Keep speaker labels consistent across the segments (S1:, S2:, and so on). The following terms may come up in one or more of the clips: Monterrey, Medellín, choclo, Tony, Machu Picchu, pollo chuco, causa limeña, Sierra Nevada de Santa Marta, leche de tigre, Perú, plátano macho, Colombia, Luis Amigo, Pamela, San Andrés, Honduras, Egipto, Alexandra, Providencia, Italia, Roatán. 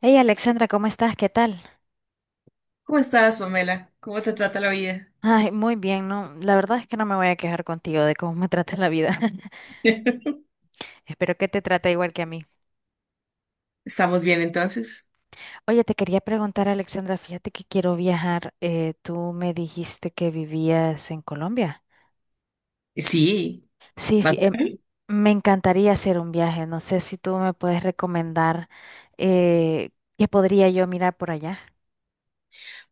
S1: Hey Alexandra, ¿cómo estás? ¿Qué tal?
S2: ¿Cómo estás, Pamela? ¿Cómo te trata la vida?
S1: Ay, muy bien, no, la verdad es que no me voy a quejar contigo de cómo me trata la vida. Espero que te trate igual que a mí.
S2: ¿Estamos bien entonces?
S1: Oye, te quería preguntar, Alexandra, fíjate que quiero viajar. Tú me dijiste que vivías en Colombia.
S2: Sí,
S1: Sí,
S2: va-
S1: me encantaría hacer un viaje. No sé si tú me puedes recomendar eh, qué podría yo mirar por allá.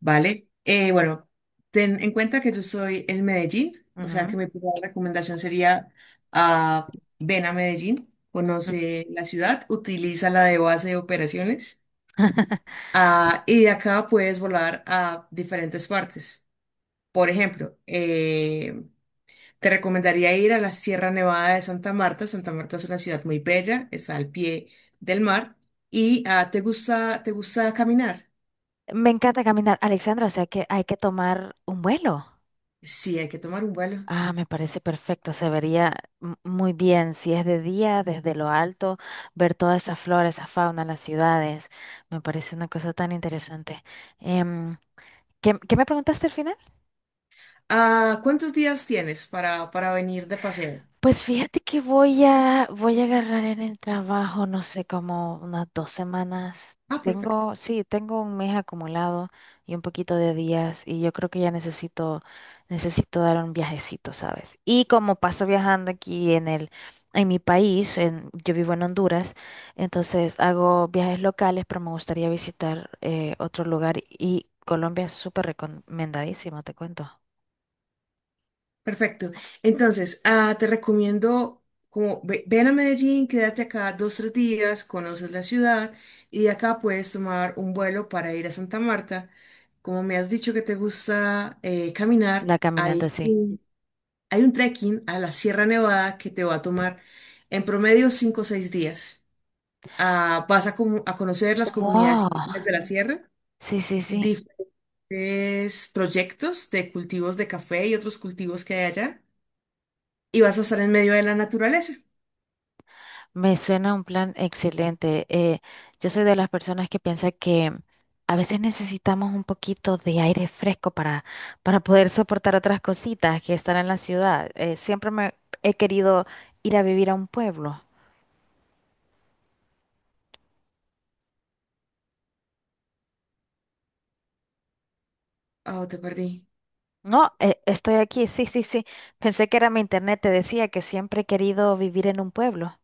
S2: vale. Bueno, ten en cuenta que yo estoy en Medellín, o sea
S1: Ujú.
S2: que mi primera recomendación sería ven a Medellín, conoce la ciudad, utiliza la de base de operaciones y de acá puedes volar a diferentes partes. Por ejemplo, te recomendaría ir a la Sierra Nevada de Santa Marta. Santa Marta es una ciudad muy bella, está al pie del mar. ¿Y te gusta caminar?
S1: Me encanta caminar, Alexandra, o sea que hay que tomar un vuelo.
S2: Sí, hay que tomar un vuelo.
S1: Ah, me parece perfecto, se vería muy bien si es de día, desde lo alto, ver toda esa flora, esa fauna, las ciudades. Me parece una cosa tan interesante. Em, ¿Qué me preguntaste al final?
S2: Ah, ¿cuántos días tienes para venir de paseo?
S1: Pues fíjate que voy a agarrar en el trabajo, no sé, como unas dos semanas.
S2: Ah, perfecto.
S1: Tengo un mes acumulado y un poquito de días y yo creo que necesito dar un viajecito, ¿sabes? Y como paso viajando en mi país, yo vivo en Honduras, entonces hago viajes locales, pero me gustaría visitar otro lugar y Colombia es súper recomendadísimo, te cuento.
S2: Perfecto. Entonces, te recomiendo, ven a Medellín, quédate acá 2, 3 días, conoces la ciudad y de acá puedes tomar un vuelo para ir a Santa Marta. Como me has dicho que te gusta caminar,
S1: La caminante,
S2: ahí.
S1: sí.
S2: Hay un trekking a la Sierra Nevada que te va a tomar en promedio 5 o 6 días. Vas a, a conocer las comunidades indígenas
S1: Wow.
S2: de la sierra,
S1: Sí, sí, sí.
S2: diferentes proyectos de cultivos de café y otros cultivos que hay allá, y vas a estar en medio de la naturaleza.
S1: Me suena un plan excelente. Yo soy de las personas que piensa que a veces necesitamos un poquito de aire fresco para poder soportar otras cositas que están en la ciudad. Siempre me he querido ir a vivir a un pueblo.
S2: Oh, te perdí.
S1: No, estoy aquí, sí, sí, sí. Pensé que era mi internet, te decía que siempre he querido vivir en un pueblo.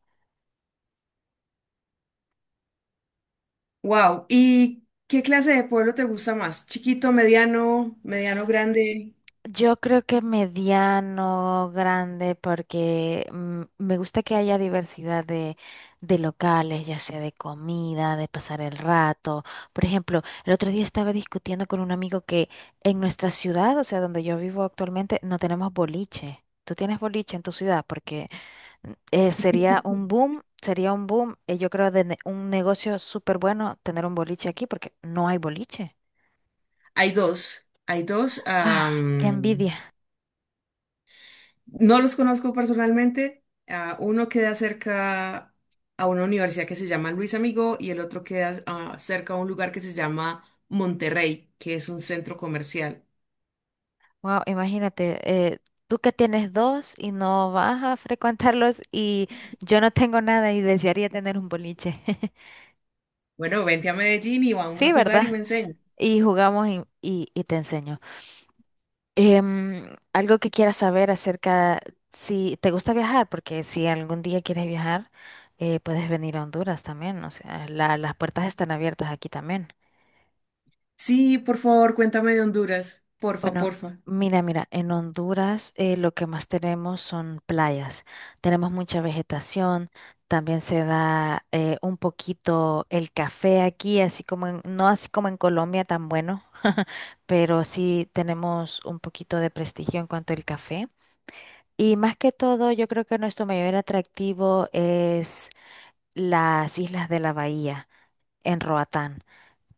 S2: Wow. ¿Y qué clase de pueblo te gusta más? ¿Chiquito, mediano, mediano, grande?
S1: Yo creo que mediano, grande, porque me gusta que haya de locales, ya sea de comida, de pasar el rato. Por ejemplo, el otro día estaba discutiendo con un amigo que en nuestra ciudad, o sea, donde yo vivo actualmente, no tenemos boliche. ¿Tú tienes boliche en tu ciudad? Porque sería un boom, yo creo, de un negocio súper bueno tener un boliche aquí, porque no hay boliche.
S2: Hay dos. Hay dos.
S1: Ah, qué
S2: am,
S1: envidia.
S2: No los conozco personalmente. Uno queda cerca a una universidad que se llama Luis Amigo y el otro queda cerca a un lugar que se llama Monterrey, que es un centro comercial.
S1: Wow, imagínate, tú que tienes dos y no vas a frecuentarlos y yo no tengo nada y desearía tener un boliche.
S2: Bueno, vente a Medellín y vamos a
S1: Sí,
S2: jugar y
S1: ¿verdad?
S2: me enseñas.
S1: Y jugamos y te enseño. Em, Algo que quieras saber acerca, si te gusta viajar, porque si algún día quieres viajar, puedes venir a Honduras también. O sea, las puertas están abiertas aquí también.
S2: Sí, por favor, cuéntame de Honduras. Porfa,
S1: Bueno,
S2: porfa.
S1: mira, mira, en Honduras lo que más tenemos son playas. Tenemos mucha vegetación, también se da un poquito el café aquí, así como no así como en Colombia tan bueno, pero sí tenemos un poquito de prestigio en cuanto al café. Y más que todo, yo creo que nuestro mayor atractivo es las islas de la bahía en Roatán.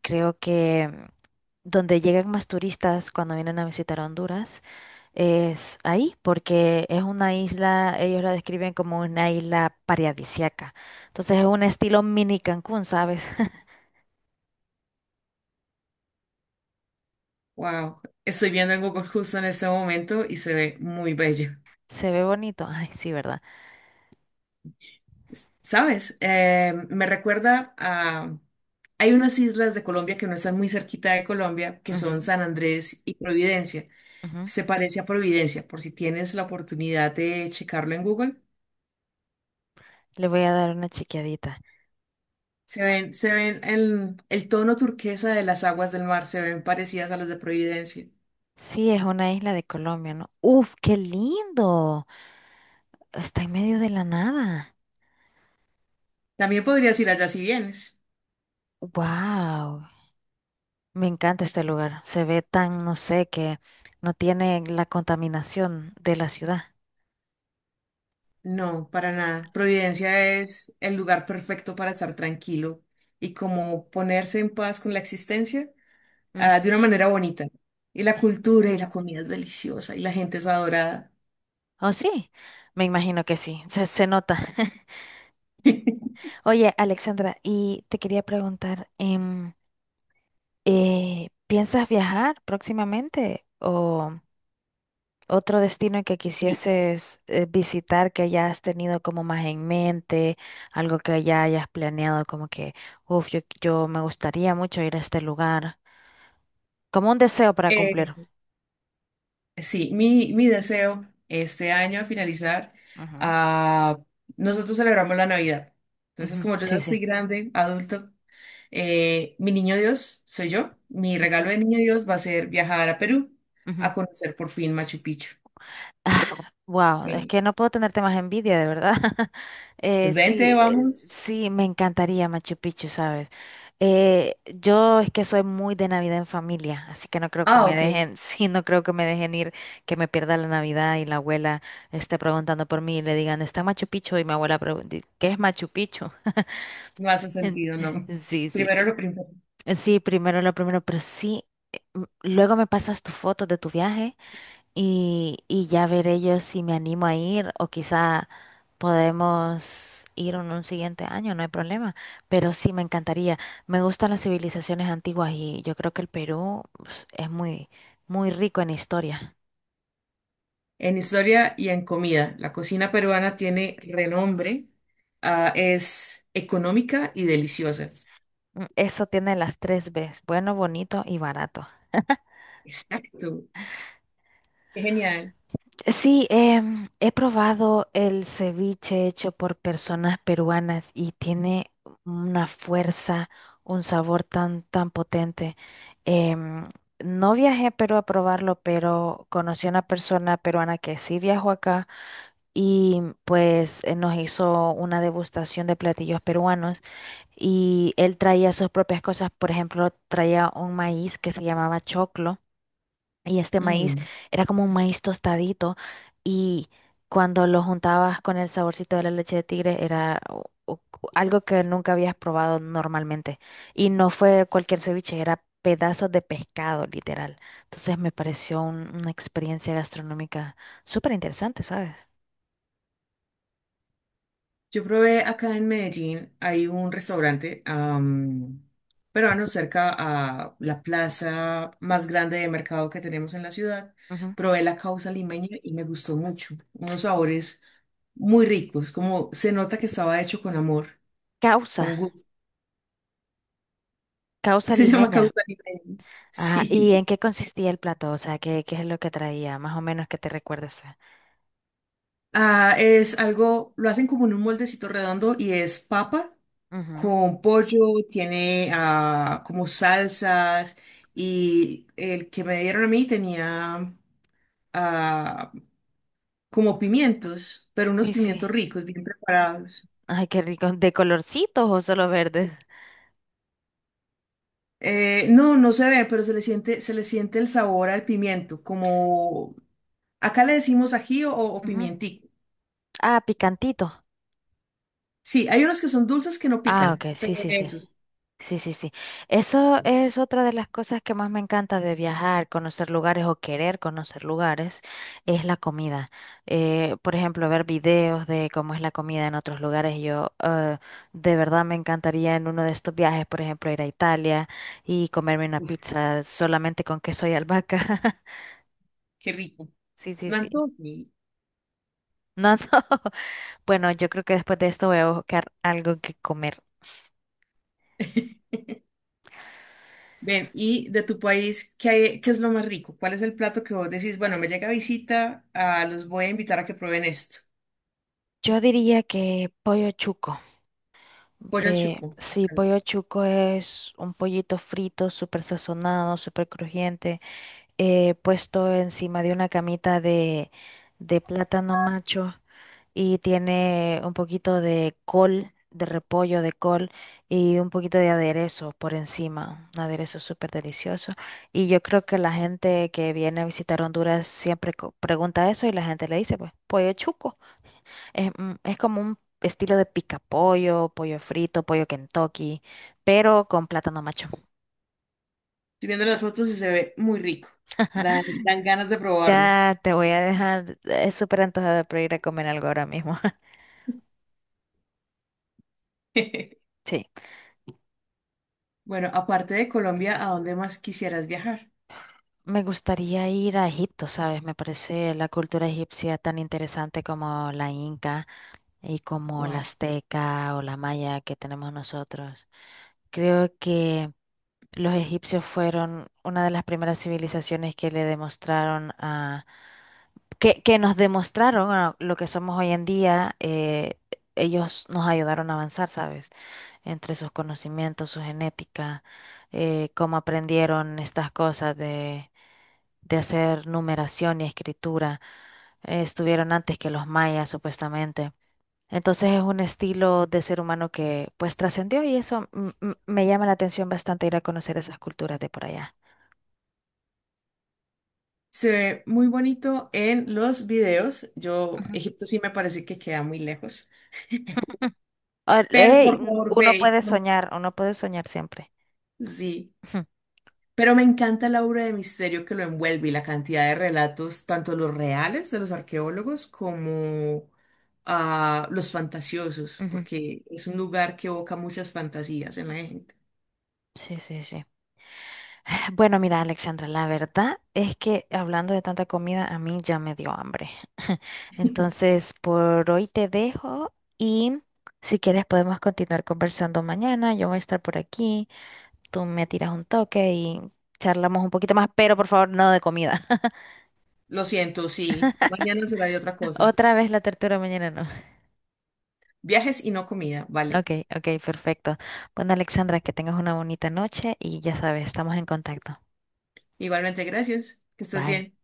S1: Creo que donde llegan más turistas cuando vienen a visitar Honduras es ahí, porque es una isla, ellos la describen como una isla paradisiaca. Entonces es un estilo mini Cancún, ¿sabes?
S2: Wow. Estoy viendo en Google justo en este momento y se ve muy bello.
S1: Se ve bonito. Ay, sí, ¿verdad?
S2: ¿Sabes? Me recuerda a... hay unas islas de Colombia que no están muy cerquita de Colombia, que son
S1: Ujú,
S2: San Andrés y Providencia.
S1: ujú.
S2: Se parece a Providencia, por si tienes la oportunidad de checarlo en Google.
S1: Le voy a dar una chequeadita.
S2: Se ven el tono turquesa de las aguas del mar, se ven parecidas a las de Providencia.
S1: Sí, es una isla de Colombia, ¿no? Uf, qué lindo. Está en medio de la nada.
S2: También podrías ir allá si vienes.
S1: Wow. Me encanta este lugar. Se ve tan, no sé, que no tiene la contaminación de la ciudad.
S2: No, para nada. Providencia es el lugar perfecto para estar tranquilo y como ponerse en paz con la existencia. De una manera bonita. Y la cultura y la comida es deliciosa y la gente es adorada.
S1: ¿O sí? Me imagino que sí, se nota. Oye, Alexandra, y te quería preguntar, ¿piensas viajar próximamente o otro destino que
S2: Sí,
S1: quisieses visitar que ya has tenido como más en mente, algo que ya hayas planeado como que, uff, yo me gustaría mucho ir a este lugar, como un deseo para
S2: Eh,
S1: cumplir?
S2: mi deseo este año a finalizar,
S1: Ujú.
S2: ah, nosotros celebramos la Navidad. Entonces,
S1: Ujú,
S2: como yo
S1: sí,
S2: ya
S1: sí.
S2: soy grande, adulto, mi niño Dios soy yo. Mi regalo
S1: Ujú,
S2: de niño Dios va a ser viajar a Perú
S1: ujú.
S2: a conocer por fin Machu Picchu.
S1: Wow, es
S2: Eh,
S1: que no puedo tenerte más envidia, de verdad. Eh,
S2: pues vente,
S1: sí, eh,
S2: vamos.
S1: sí, me encantaría Machu Picchu, ¿sabes? Yo es que soy muy de Navidad en familia, así que no creo que
S2: Ah,
S1: me
S2: ok,
S1: dejen, sí, no creo que me dejen ir, que me pierda la Navidad y la abuela esté preguntando por mí y le digan, ¿está Machu Picchu? Y mi abuela pregunta, ¿qué es Machu Picchu?
S2: no hace
S1: En-
S2: sentido, no.
S1: Sí, sí,
S2: Primero
S1: sí.
S2: lo primero.
S1: Sí, primero lo primero, pero sí, luego me pasas tus fotos de tu viaje y ya veré yo si me animo a ir o quizá podemos ir en un siguiente año, no hay problema. Pero sí me encantaría. Me gustan las civilizaciones antiguas y yo creo que el Perú pues, es muy, muy rico en historia.
S2: En historia y en comida, la cocina peruana tiene renombre, es económica y deliciosa.
S1: Mm, eso tiene las tres Bs, bueno, bonito y barato.
S2: Exacto, qué genial.
S1: Sí, he probado el ceviche hecho por personas peruanas y tiene una fuerza, un sabor tan, tan potente. Em, no viajé a Perú a probarlo, pero conocí a una persona peruana que sí viajó acá y pues nos hizo una degustación de platillos peruanos y él traía sus propias cosas. Por ejemplo, traía un maíz que se llamaba choclo y este maíz
S2: Mm.
S1: era como un maíz tostadito y cuando lo juntabas con el saborcito de la leche de tigre era algo que nunca habías probado normalmente. Y no fue cualquier ceviche, era pedazos de pescado, literal. Entonces me pareció una experiencia gastronómica súper interesante, ¿sabes?
S2: Yo probé acá en Medellín, hay un restaurante peruano cerca a la plaza más grande de mercado que tenemos en la ciudad.
S1: Ujú.
S2: Probé la causa limeña y me gustó mucho. Unos sabores muy ricos, como se nota que estaba hecho con amor,
S1: Causa,
S2: con gusto.
S1: causa
S2: Se llama
S1: limeña.
S2: causa limeña.
S1: Ajá,
S2: Sí.
S1: ¿y en qué consistía el plato? O sea, ¿qué es lo que traía? Más o menos que te recuerdes.
S2: Ah, es algo, lo hacen como en un moldecito redondo y es papa
S1: Ujú.
S2: con pollo, tiene como salsas y el que me dieron a mí tenía ah, como pimientos, pero unos
S1: Sí, sí.
S2: pimientos ricos, bien preparados.
S1: Ay, qué rico. ¿De colorcitos o solo verdes?
S2: No, no se ve, pero se le siente el sabor al pimiento, como acá le decimos ají o
S1: Ujú.
S2: pimientico.
S1: Ah, picantito.
S2: Sí, hay unos que son dulces que no
S1: Ah,
S2: pican,
S1: ok,
S2: pero
S1: sí, sí, sí.
S2: eso,
S1: Sí, sí, sí. Eso es otra de las cosas que más me encanta de viajar, conocer lugares o querer conocer lugares, es la comida. Por ejemplo, ver videos de cómo es la comida en otros lugares. Yo de verdad me encantaría en uno de estos viajes, por ejemplo, ir a Italia y comerme una
S2: uf,
S1: pizza solamente con queso y albahaca.
S2: qué rico.
S1: Sí, sí,
S2: Me
S1: sí.
S2: antojo.
S1: No, no. Bueno, yo creo que después de esto voy a buscar algo que comer.
S2: Ven, y de tu país, ¿qué hay- qué es lo más rico? ¿Cuál es el plato que vos decís, bueno, me llega visita, ah, los voy a invitar a que prueben esto?
S1: Yo diría que pollo chuco.
S2: Pollo al chuco.
S1: Sí,
S2: Estoy
S1: pollo chuco es un pollito frito, súper sazonado, súper crujiente. Puesto encima de una de plátano macho y tiene un poquito de col, de repollo, de col y un poquito de aderezo por encima, un aderezo súper delicioso. Y yo creo que la gente que viene a visitar Honduras siempre pregunta eso y la gente le dice, pues, pollo chuco. Es, es como un estilo de pica pollo, pollo frito, pollo Kentucky, pero con plátano macho.
S2: viendo las fotos y se ve muy rico. Dan, dan ganas de probarlo.
S1: Ya te voy a dejar súper antojada por ir a comer algo ahora mismo. Sí,
S2: Bueno, aparte de Colombia, ¿a dónde más quisieras viajar?
S1: me gustaría ir a Egipto, ¿sabes? Me parece la cultura egipcia tan interesante como la inca y como la
S2: Wow.
S1: azteca o la maya que tenemos nosotros. Creo que los egipcios fueron una de las primeras civilizaciones que le demostraron a que nos demostraron a lo que somos hoy en día, ellos nos ayudaron a avanzar, ¿sabes? Entre sus conocimientos, su genética, cómo aprendieron estas cosas de hacer numeración y escritura. Estuvieron antes que los mayas, supuestamente. Entonces es un estilo de ser humano que pues trascendió y eso me llama la atención bastante ir a conocer esas culturas de por allá.
S2: Se ve muy bonito en los videos. Yo,
S1: Ujú.
S2: Egipto sí me parece que queda muy lejos,
S1: Ah,
S2: pero
S1: ey,
S2: por favor ve. Y-
S1: uno puede soñar siempre.
S2: sí. Pero me encanta la obra de misterio que lo envuelve y la cantidad de relatos, tanto los reales de los arqueólogos como los fantasiosos,
S1: Ujú.
S2: porque es un lugar que evoca muchas fantasías en la gente.
S1: Sí, sí, sí. Bueno, mira, Alexandra, la verdad es que hablando de tanta comida, a mí ya me dio hambre. Entonces, por hoy te dejo y si quieres podemos continuar conversando mañana. Yo voy a estar por aquí, tú me tiras un toque y charlamos un poquito más, pero por favor, no de comida.
S2: Lo siento, sí. Mañana será de otra cosa.
S1: Otra vez la tortura mañana, no.
S2: Viajes y no comida, vale.
S1: Ok, ok, perfecto. Bueno, Alexandra, que tengas una bonita noche y ya sabes, estamos en contacto.
S2: Igualmente, gracias. Que estés
S1: Bye.
S2: bien.